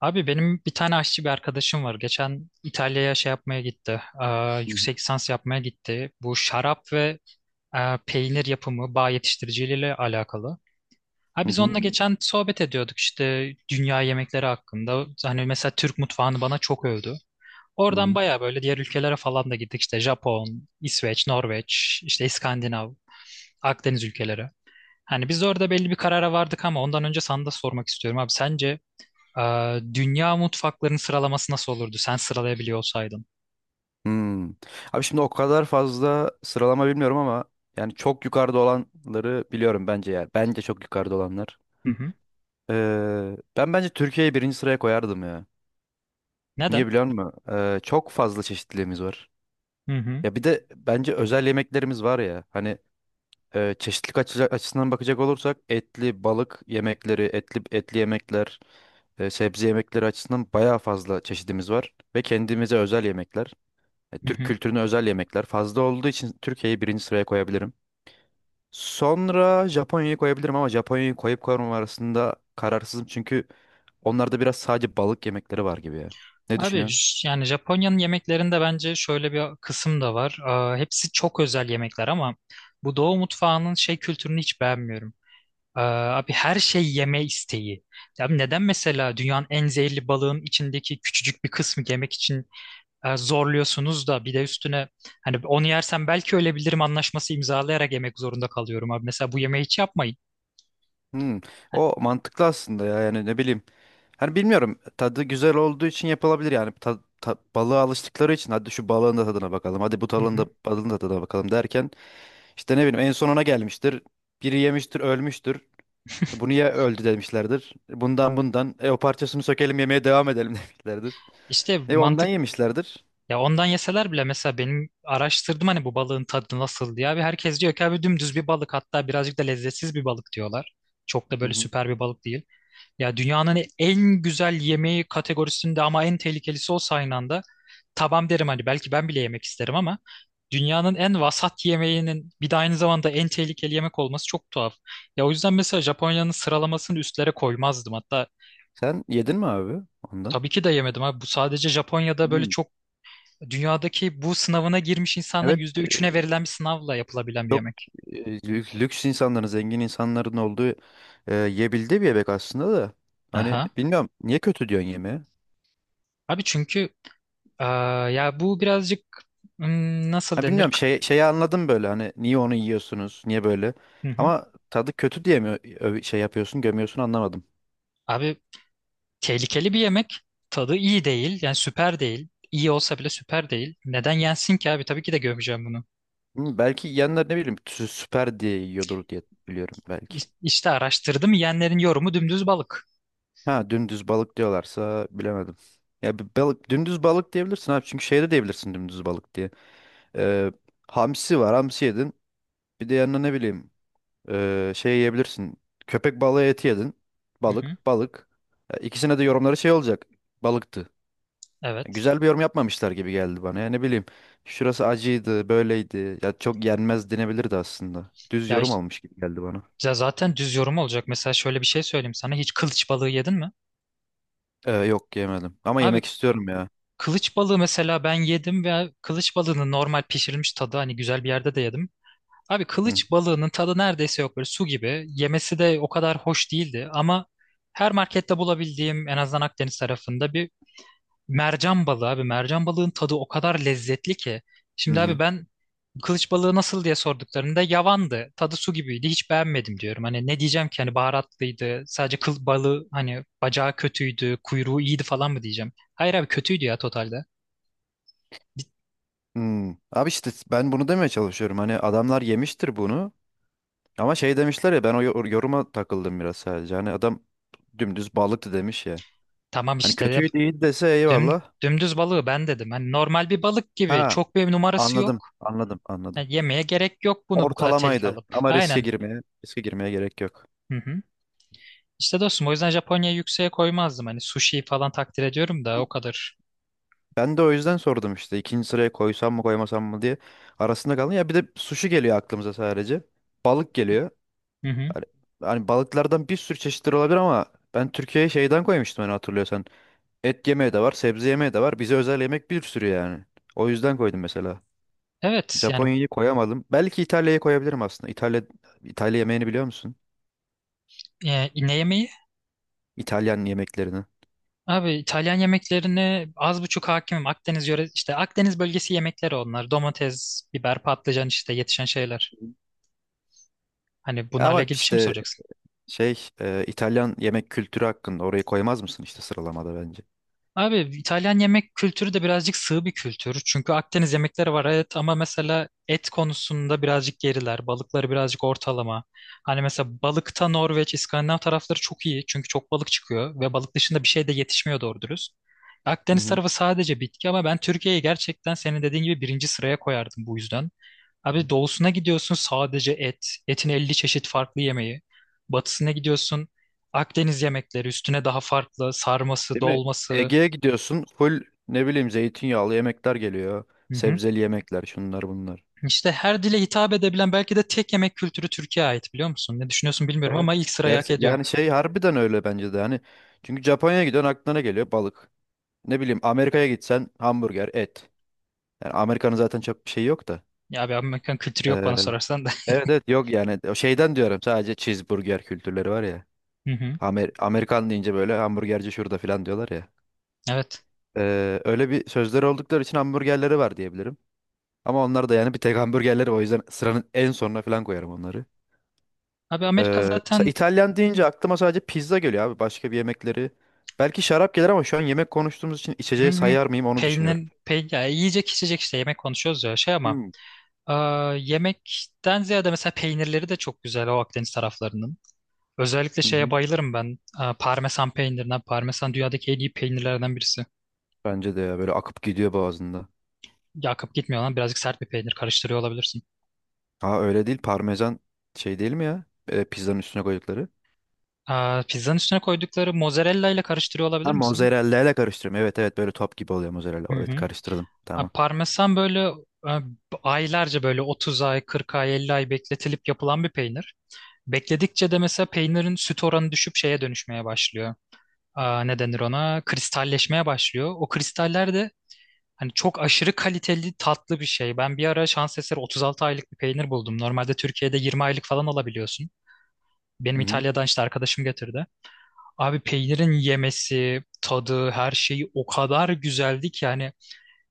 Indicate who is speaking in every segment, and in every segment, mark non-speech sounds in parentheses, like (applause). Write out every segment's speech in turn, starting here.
Speaker 1: Abi benim bir tane aşçı bir arkadaşım var. Geçen İtalya'ya şey yapmaya gitti.
Speaker 2: Hı hı.
Speaker 1: Yüksek lisans yapmaya gitti. Bu şarap ve peynir yapımı bağ yetiştiriciliğiyle alakalı. Ha,
Speaker 2: Hı
Speaker 1: biz Hı
Speaker 2: hı.
Speaker 1: onunla geçen sohbet ediyorduk işte dünya yemekleri hakkında. Hani mesela Türk mutfağını bana çok övdü. Oradan
Speaker 2: Hı.
Speaker 1: baya böyle diğer ülkelere falan da gittik. İşte Japon, İsveç, Norveç, işte İskandinav, Akdeniz ülkeleri. Hani biz de orada belli bir karara vardık ama ondan önce sana da sormak istiyorum abi. Sence dünya mutfaklarının sıralaması nasıl olurdu sen sıralayabiliyor olsaydın?
Speaker 2: Hmm. Abi şimdi o kadar fazla sıralama bilmiyorum ama yani çok yukarıda olanları biliyorum bence yani. Bence çok yukarıda olanlar.
Speaker 1: Hı hı.
Speaker 2: Ben bence Türkiye'yi birinci sıraya koyardım ya.
Speaker 1: Neden?
Speaker 2: Niye biliyor musun? Çok fazla çeşitliliğimiz var.
Speaker 1: Hı hı.
Speaker 2: Ya bir de bence özel yemeklerimiz var ya. Hani çeşitlilik açısından bakacak olursak etli balık yemekleri, etli etli yemekler, sebze yemekleri açısından bayağı fazla çeşidimiz var ve kendimize özel yemekler.
Speaker 1: Hı
Speaker 2: Türk
Speaker 1: hı.
Speaker 2: kültürüne özel yemekler fazla olduğu için Türkiye'yi birinci sıraya koyabilirim. Sonra Japonya'yı koyabilirim ama Japonya'yı koyup koymam arasında kararsızım çünkü onlarda biraz sadece balık yemekleri var gibi ya. Ne
Speaker 1: Abi
Speaker 2: düşünüyorsun?
Speaker 1: yani Japonya'nın yemeklerinde bence şöyle bir kısım da var. Hepsi çok özel yemekler ama bu Doğu mutfağının şey kültürünü hiç beğenmiyorum. Abi her şey yeme isteği. Ya abi neden mesela dünyanın en zehirli balığın içindeki küçücük bir kısmı yemek için zorluyorsunuz da bir de üstüne hani onu yersem belki ölebilirim anlaşması imzalayarak yemek zorunda kalıyorum abi. Mesela bu yemeği hiç yapmayın.
Speaker 2: Hmm, O mantıklı aslında ya, yani ne bileyim. Hani bilmiyorum, tadı güzel olduğu için yapılabilir yani balığa alıştıkları için hadi şu balığın da tadına bakalım, hadi bu
Speaker 1: Hı
Speaker 2: balığın da
Speaker 1: hı.
Speaker 2: balığın da tadına bakalım derken işte ne bileyim en son ona gelmiştir. Biri yemiştir, ölmüştür. Bunu ya öldü demişlerdir. Bundan bundan. O parçasını sökelim, yemeye devam edelim (laughs) demişlerdir.
Speaker 1: İşte
Speaker 2: Ondan
Speaker 1: mantık
Speaker 2: yemişlerdir.
Speaker 1: ya, ondan yeseler bile mesela benim araştırdım hani bu balığın tadı nasıl diye, abi herkes diyor ki abi dümdüz bir balık, hatta birazcık da lezzetsiz bir balık diyorlar. Çok da
Speaker 2: Hı
Speaker 1: böyle
Speaker 2: hı.
Speaker 1: süper bir balık değil. Ya dünyanın en güzel yemeği kategorisinde ama en tehlikelisi olsa aynı anda tamam derim, hani belki ben bile yemek isterim ama dünyanın en vasat yemeğinin bir de aynı zamanda en tehlikeli yemek olması çok tuhaf. Ya o yüzden mesela Japonya'nın sıralamasını üstlere koymazdım. Hatta
Speaker 2: Sen yedin mi abi ondan?
Speaker 1: tabii ki de yemedim abi. Bu sadece Japonya'da böyle
Speaker 2: Hmm.
Speaker 1: çok. Dünyadaki bu sınavına girmiş insanların
Speaker 2: Evet,
Speaker 1: yüzde üçüne verilen bir sınavla yapılabilen bir
Speaker 2: çok,
Speaker 1: yemek.
Speaker 2: lüks insanların, zengin insanların olduğu, yiyebildiği bir yemek aslında da. Hani
Speaker 1: Aha.
Speaker 2: bilmiyorum, niye kötü diyorsun yemeğe?
Speaker 1: Abi çünkü eee, ya bu birazcık nasıl
Speaker 2: Ha,
Speaker 1: denir?
Speaker 2: bilmiyorum şey, şeyi anladım böyle, hani niye onu yiyorsunuz, niye böyle?
Speaker 1: Hı hı.
Speaker 2: Ama tadı kötü diye mi şey yapıyorsun, gömüyorsun, anlamadım.
Speaker 1: Abi tehlikeli bir yemek. Tadı iyi değil. Yani süper değil. İyi olsa bile süper değil. Neden yensin ki abi? Tabii ki de gömeceğim bunu.
Speaker 2: Hı, belki yiyenler ne bileyim süper diye yiyordur diye biliyorum belki.
Speaker 1: İşte araştırdım. Yiyenlerin yorumu dümdüz balık.
Speaker 2: Ha, dümdüz balık diyorlarsa bilemedim. Ya bir balık dümdüz balık diyebilirsin abi, çünkü şey de diyebilirsin dümdüz balık diye. Ee, Hamsi var, hamsi yedin. Bir de yanına ne bileyim şey yiyebilirsin. Köpek balığı eti yedin.
Speaker 1: Hı hı.
Speaker 2: Balık balık. Ya İkisine de yorumları şey olacak. Balıktı. Ya
Speaker 1: Evet.
Speaker 2: güzel bir yorum yapmamışlar gibi geldi bana. Ya ne bileyim şurası acıydı, böyleydi. Ya çok yenmez denebilirdi aslında. Düz
Speaker 1: Ya
Speaker 2: yorum
Speaker 1: işte,
Speaker 2: almış gibi geldi bana.
Speaker 1: ya zaten düz yorum olacak. Mesela şöyle bir şey söyleyeyim sana. Hiç kılıç balığı yedin mi?
Speaker 2: Yok, yemedim ama
Speaker 1: Abi
Speaker 2: yemek istiyorum ya.
Speaker 1: kılıç balığı mesela ben yedim ve kılıç balığının normal pişirilmiş tadı, hani güzel bir yerde de yedim. Abi
Speaker 2: Hı
Speaker 1: kılıç balığının tadı neredeyse yok, böyle su gibi. Yemesi de o kadar hoş değildi ama her markette bulabildiğim, en azından Akdeniz tarafında bir mercan balığı abi. Mercan balığın tadı o kadar lezzetli ki. Şimdi abi
Speaker 2: hı.
Speaker 1: ben kılıç balığı nasıl diye sorduklarında yavandı, tadı su gibiydi, hiç beğenmedim diyorum. Hani ne diyeceğim ki, hani baharatlıydı, sadece kıl balığı hani bacağı kötüydü, kuyruğu iyiydi falan mı diyeceğim? Hayır abi, kötüydü ya totalde.
Speaker 2: Hmm. Abi işte ben bunu demeye çalışıyorum. Hani adamlar yemiştir bunu. Ama şey demişler ya, ben o yoruma takıldım biraz sadece. Hani adam dümdüz balıktı demiş ya.
Speaker 1: Tamam
Speaker 2: Hani
Speaker 1: işte,
Speaker 2: kötüydü, iyi dese
Speaker 1: Düm,
Speaker 2: eyvallah.
Speaker 1: dümdüz balığı ben dedim. Hani normal bir balık gibi.
Speaker 2: Ha,
Speaker 1: Çok bir numarası
Speaker 2: anladım
Speaker 1: yok.
Speaker 2: anladım anladım.
Speaker 1: Yani yemeye gerek yok bunu bu kadar tehlike
Speaker 2: Ortalamaydı
Speaker 1: alıp.
Speaker 2: ama riske
Speaker 1: Aynen.
Speaker 2: girmeye riske girmeye gerek yok.
Speaker 1: Hı hı. İşte dostum o yüzden Japonya'yı yükseğe koymazdım. Hani sushi falan takdir ediyorum da o kadar.
Speaker 2: Ben de o yüzden sordum işte, ikinci sıraya koysam mı koymasam mı diye arasında kaldım. Ya bir de sushi geliyor aklımıza sadece. Balık geliyor.
Speaker 1: Hı hı.
Speaker 2: Hani, hani balıklardan bir sürü çeşitleri olabilir ama ben Türkiye'ye şeyden koymuştum, hani hatırlıyorsan. Et yemeği de var, sebze yemeği de var. Bize özel yemek bir sürü yani. O yüzden koydum mesela.
Speaker 1: Evet yani
Speaker 2: Japonya'yı koyamadım. Belki İtalya'yı koyabilirim aslında. İtalya yemeğini biliyor musun?
Speaker 1: ne yemeği?
Speaker 2: İtalyan yemeklerini.
Speaker 1: Abi İtalyan yemeklerine az buçuk hakimim. Akdeniz yöre işte Akdeniz bölgesi yemekleri onlar. Domates, biber, patlıcan işte yetişen şeyler. Hani bunlarla
Speaker 2: Ama
Speaker 1: ilgili bir şey mi
Speaker 2: işte
Speaker 1: soracaksın?
Speaker 2: şey İtalyan yemek kültürü hakkında orayı koymaz mısın işte sıralamada, bence.
Speaker 1: Abi İtalyan yemek kültürü de birazcık sığ bir kültür. Çünkü Akdeniz yemekleri var evet ama mesela et konusunda birazcık geriler. Balıkları birazcık ortalama. Hani mesela balıkta Norveç, İskandinav tarafları çok iyi. Çünkü çok balık çıkıyor ve balık dışında bir şey de yetişmiyor doğru dürüst.
Speaker 2: Hı
Speaker 1: Akdeniz
Speaker 2: hı.
Speaker 1: tarafı sadece bitki, ama ben Türkiye'yi gerçekten senin dediğin gibi birinci sıraya koyardım bu yüzden. Abi doğusuna gidiyorsun, sadece et. Etin 50 çeşit farklı yemeği. Batısına gidiyorsun, Akdeniz yemekleri üstüne daha farklı sarması,
Speaker 2: Değil mi?
Speaker 1: dolması.
Speaker 2: Ege'ye gidiyorsun. Full ne bileyim zeytinyağlı yemekler geliyor.
Speaker 1: Hı hı.
Speaker 2: Sebzeli yemekler, şunlar bunlar.
Speaker 1: İşte her dile hitap edebilen belki de tek yemek kültürü Türkiye'ye ait, biliyor musun? Ne düşünüyorsun bilmiyorum
Speaker 2: Evet.
Speaker 1: ama ilk sırayı hak
Speaker 2: Gerçi
Speaker 1: ediyor.
Speaker 2: yani şey, harbiden öyle bence de hani. Çünkü Japonya'ya gidiyorsun, aklına ne geliyor? Balık. Ne bileyim, Amerika'ya gitsen hamburger, et. Yani Amerika'nın zaten çok bir şey yok da.
Speaker 1: Ya abi Amerikan kültürü yok
Speaker 2: Ee,
Speaker 1: bana sorarsan da.
Speaker 2: evet, evet, yok yani, o şeyden diyorum, sadece cheeseburger kültürleri var ya.
Speaker 1: (laughs) Hı hı.
Speaker 2: Amerikan deyince böyle hamburgerci şurada falan diyorlar ya.
Speaker 1: Evet.
Speaker 2: Öyle bir sözleri oldukları için hamburgerleri var diyebilirim. Ama onlar da yani bir tek hamburgerleri, o yüzden sıranın en sonuna falan koyarım onları.
Speaker 1: Abi Amerika
Speaker 2: Ee,
Speaker 1: zaten.
Speaker 2: İtalyan deyince aklıma sadece pizza geliyor abi, başka bir yemekleri. Belki şarap gelir ama şu an yemek konuştuğumuz için
Speaker 1: Hı
Speaker 2: içeceği
Speaker 1: hı.
Speaker 2: sayar mıyım onu düşünüyorum.
Speaker 1: Peynir, ya yiyecek içecek işte, yemek konuşuyoruz ya şey ama
Speaker 2: Hmm.
Speaker 1: yemekten ziyade mesela peynirleri de çok güzel o Akdeniz taraflarının. Özellikle
Speaker 2: Hı
Speaker 1: şeye
Speaker 2: hı.
Speaker 1: bayılırım ben. Parmesan peynirine. Parmesan dünyadaki en iyi peynirlerden birisi.
Speaker 2: Bence de ya, böyle akıp gidiyor boğazında.
Speaker 1: Yakıp gitmiyor lan, birazcık sert bir peynir karıştırıyor olabilirsin.
Speaker 2: Ha, öyle değil parmesan şey değil mi ya? Pizzanın üstüne koydukları.
Speaker 1: Pizzanın üstüne koydukları mozzarella ile karıştırıyor olabilir
Speaker 2: Ha,
Speaker 1: misin?
Speaker 2: mozzarella ile karıştırıyorum. Evet, evet, böyle top gibi oluyor mozzarella.
Speaker 1: Hı
Speaker 2: Evet,
Speaker 1: hı.
Speaker 2: karıştırdım. Tamam.
Speaker 1: Parmesan böyle e, aylarca, böyle 30 ay, 40 ay, 50 ay bekletilip yapılan bir peynir. Bekledikçe de mesela peynirin süt oranı düşüp şeye dönüşmeye başlıyor. Ne denir ona? Kristalleşmeye başlıyor. O kristaller de hani çok aşırı kaliteli tatlı bir şey. Ben bir ara şans eseri 36 aylık bir peynir buldum. Normalde Türkiye'de 20 aylık falan alabiliyorsun. Benim
Speaker 2: Hı hı.
Speaker 1: İtalya'dan işte arkadaşım getirdi. Abi peynirin yemesi, tadı, her şeyi o kadar güzeldi ki yani,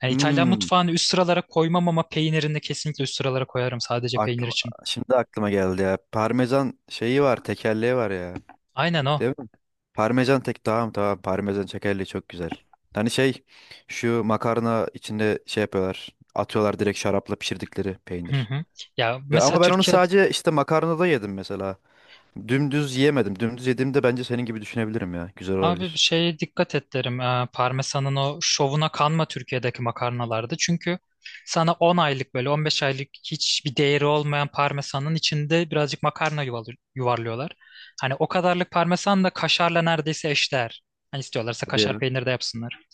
Speaker 1: yani İtalyan
Speaker 2: Hmm,
Speaker 1: mutfağını üst sıralara koymam ama peynirini kesinlikle üst sıralara koyarım, sadece peynir
Speaker 2: aklıma,
Speaker 1: için.
Speaker 2: Şimdi aklıma geldi ya. Parmesan şeyi var, tekerleği var ya.
Speaker 1: Aynen o.
Speaker 2: Değil mi? Parmesan tek, tamam tamam, parmesan tekerleği çok güzel. Hani şey, şu makarna içinde şey yapıyorlar. Atıyorlar direkt, şarapla pişirdikleri
Speaker 1: Hı
Speaker 2: peynir.
Speaker 1: hı. Ya mesela
Speaker 2: Ama ben onu
Speaker 1: Türkiye,
Speaker 2: sadece işte makarnada yedim mesela. Dümdüz yiyemedim. Dümdüz yediğimde bence senin gibi düşünebilirim ya. Güzel
Speaker 1: abi bir
Speaker 2: olabilir.
Speaker 1: şeye dikkat et derim. Parmesanın o şovuna kanma Türkiye'deki makarnalarda. Çünkü sana 10 aylık, böyle 15 aylık hiçbir değeri olmayan parmesanın içinde birazcık makarna yuvarlıyorlar. Hani o kadarlık parmesan da kaşarla neredeyse eşdeğer. Hani istiyorlarsa
Speaker 2: Hadi
Speaker 1: kaşar
Speaker 2: ya.
Speaker 1: peynir de yapsınlar.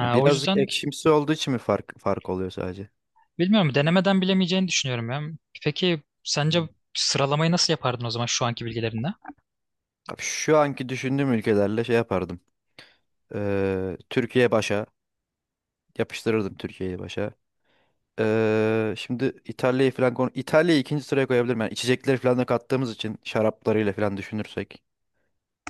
Speaker 2: Ya
Speaker 1: O
Speaker 2: birazcık
Speaker 1: yüzden
Speaker 2: ekşimsi olduğu için mi fark oluyor sadece?
Speaker 1: bilmiyorum, denemeden bilemeyeceğini düşünüyorum ya. Peki sence
Speaker 2: Hmm.
Speaker 1: sıralamayı nasıl yapardın o zaman şu anki bilgilerinle?
Speaker 2: Abi şu anki düşündüğüm ülkelerle şey yapardım. Türkiye başa. Yapıştırırdım Türkiye'yi başa. Şimdi İtalya'yı falan İtalya'yı ikinci sıraya koyabilirim. Yani içecekleri falan da kattığımız için, şaraplarıyla falan düşünürsek.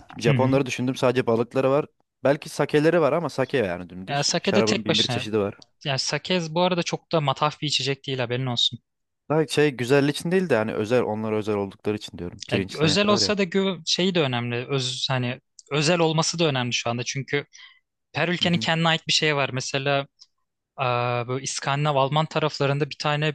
Speaker 2: Şimdi
Speaker 1: Hı hı.
Speaker 2: Japonları düşündüm, sadece balıkları var. Belki sakeleri var ama sake yani
Speaker 1: Ya
Speaker 2: dümdüz.
Speaker 1: sake de
Speaker 2: Şarabın
Speaker 1: tek
Speaker 2: bin bir
Speaker 1: başına.
Speaker 2: çeşidi var.
Speaker 1: Yani sake bu arada çok da mataf bir içecek değil, haberin olsun.
Speaker 2: Daha şey güzellik için değil de, hani özel, onlara özel oldukları için diyorum.
Speaker 1: Ya
Speaker 2: Pirinçten
Speaker 1: özel
Speaker 2: yapıyorlar ya.
Speaker 1: olsa da şeyi de önemli. Hani özel olması da önemli şu anda. Çünkü her
Speaker 2: Hı
Speaker 1: ülkenin
Speaker 2: hı.
Speaker 1: kendine ait bir şey var. Mesela böyle İskandinav Alman taraflarında bir tane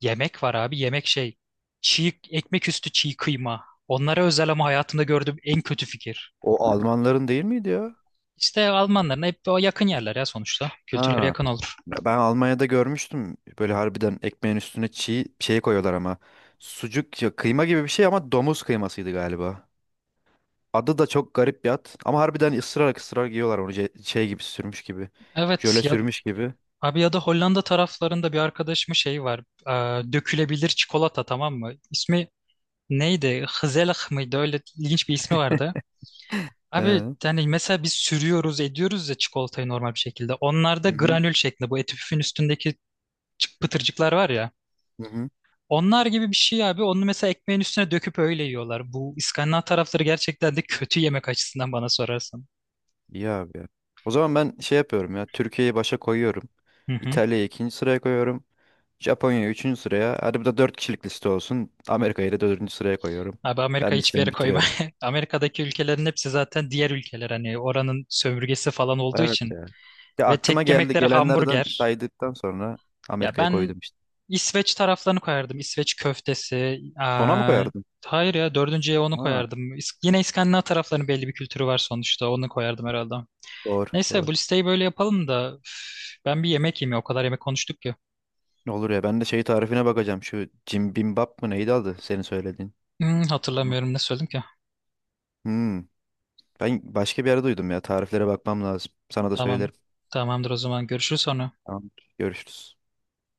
Speaker 1: yemek var abi. Yemek şey. Çiğ ekmek üstü çiğ kıyma. Onlara özel ama hayatımda gördüğüm en kötü fikir.
Speaker 2: O Almanların değil miydi ya?
Speaker 1: İşte Almanların hep o yakın yerler ya sonuçta. Kültürleri
Speaker 2: Ha.
Speaker 1: yakın olur.
Speaker 2: Ben Almanya'da görmüştüm. Böyle harbiden ekmeğin üstüne çiğ şey koyuyorlar ama. Sucuk ya, kıyma gibi bir şey ama domuz kıymasıydı galiba. Adı da çok garip bir ad. Ama harbiden ısırarak ısırarak yiyorlar onu, şey gibi, sürmüş gibi.
Speaker 1: Evet
Speaker 2: Jöle
Speaker 1: ya,
Speaker 2: sürmüş gibi.
Speaker 1: abi ya da Hollanda taraflarında bir arkadaşımın şey var. Dökülebilir çikolata, tamam mı? İsmi neydi? Hızelah mıydı? Öyle ilginç bir ismi vardı.
Speaker 2: He.
Speaker 1: Abi
Speaker 2: Hı
Speaker 1: yani mesela biz sürüyoruz ediyoruz ya çikolatayı normal bir şekilde. Onlarda
Speaker 2: hı.
Speaker 1: granül şeklinde, bu eti püfün üstündeki pıtırcıklar var ya.
Speaker 2: Hı hı.
Speaker 1: Onlar gibi bir şey abi. Onu mesela ekmeğin üstüne döküp öyle yiyorlar. Bu İskandinav tarafları gerçekten de kötü yemek açısından bana sorarsan.
Speaker 2: İyi abi ya. O zaman ben şey yapıyorum ya. Türkiye'yi başa koyuyorum.
Speaker 1: Hı hı.
Speaker 2: İtalya'yı ikinci sıraya koyuyorum. Japonya'yı üçüncü sıraya. Hadi bu da 4 kişilik liste olsun. Amerika'yı da dördüncü sıraya koyuyorum.
Speaker 1: Abi Amerika
Speaker 2: Ben
Speaker 1: hiçbir
Speaker 2: listemi
Speaker 1: yere koyma.
Speaker 2: bitiriyorum.
Speaker 1: (laughs) Amerika'daki ülkelerin hepsi zaten diğer ülkeler. Hani oranın sömürgesi falan olduğu
Speaker 2: Evet
Speaker 1: için.
Speaker 2: ya. Ya
Speaker 1: Ve
Speaker 2: aklıma
Speaker 1: tek
Speaker 2: geldi,
Speaker 1: yemekleri
Speaker 2: gelenlerden
Speaker 1: hamburger.
Speaker 2: saydıktan sonra
Speaker 1: Ya
Speaker 2: Amerika'yı
Speaker 1: ben
Speaker 2: koydum işte.
Speaker 1: İsveç taraflarını koyardım. İsveç köftesi.
Speaker 2: Sona mı koyardın?
Speaker 1: Hayır ya, dördüncüye onu
Speaker 2: Ha,
Speaker 1: koyardım. Yine İskandinav taraflarının belli bir kültürü var sonuçta. Onu koyardım herhalde.
Speaker 2: doğru
Speaker 1: Neyse
Speaker 2: doğru.
Speaker 1: bu listeyi böyle yapalım da üf, ben bir yemek yemeye, o kadar yemek konuştuk ki.
Speaker 2: Ne olur ya, ben de şey tarifine bakacağım. Şu Jim Bimbap mı neydi adı senin söylediğin? Ma-
Speaker 1: Hatırlamıyorum ne söyledim ki.
Speaker 2: Hmm, Ben başka bir yerde duydum ya. Tariflere bakmam lazım. Sana da
Speaker 1: Tamam.
Speaker 2: söylerim.
Speaker 1: Tamamdır, o zaman görüşürüz sonra.
Speaker 2: Tamam. Görüşürüz.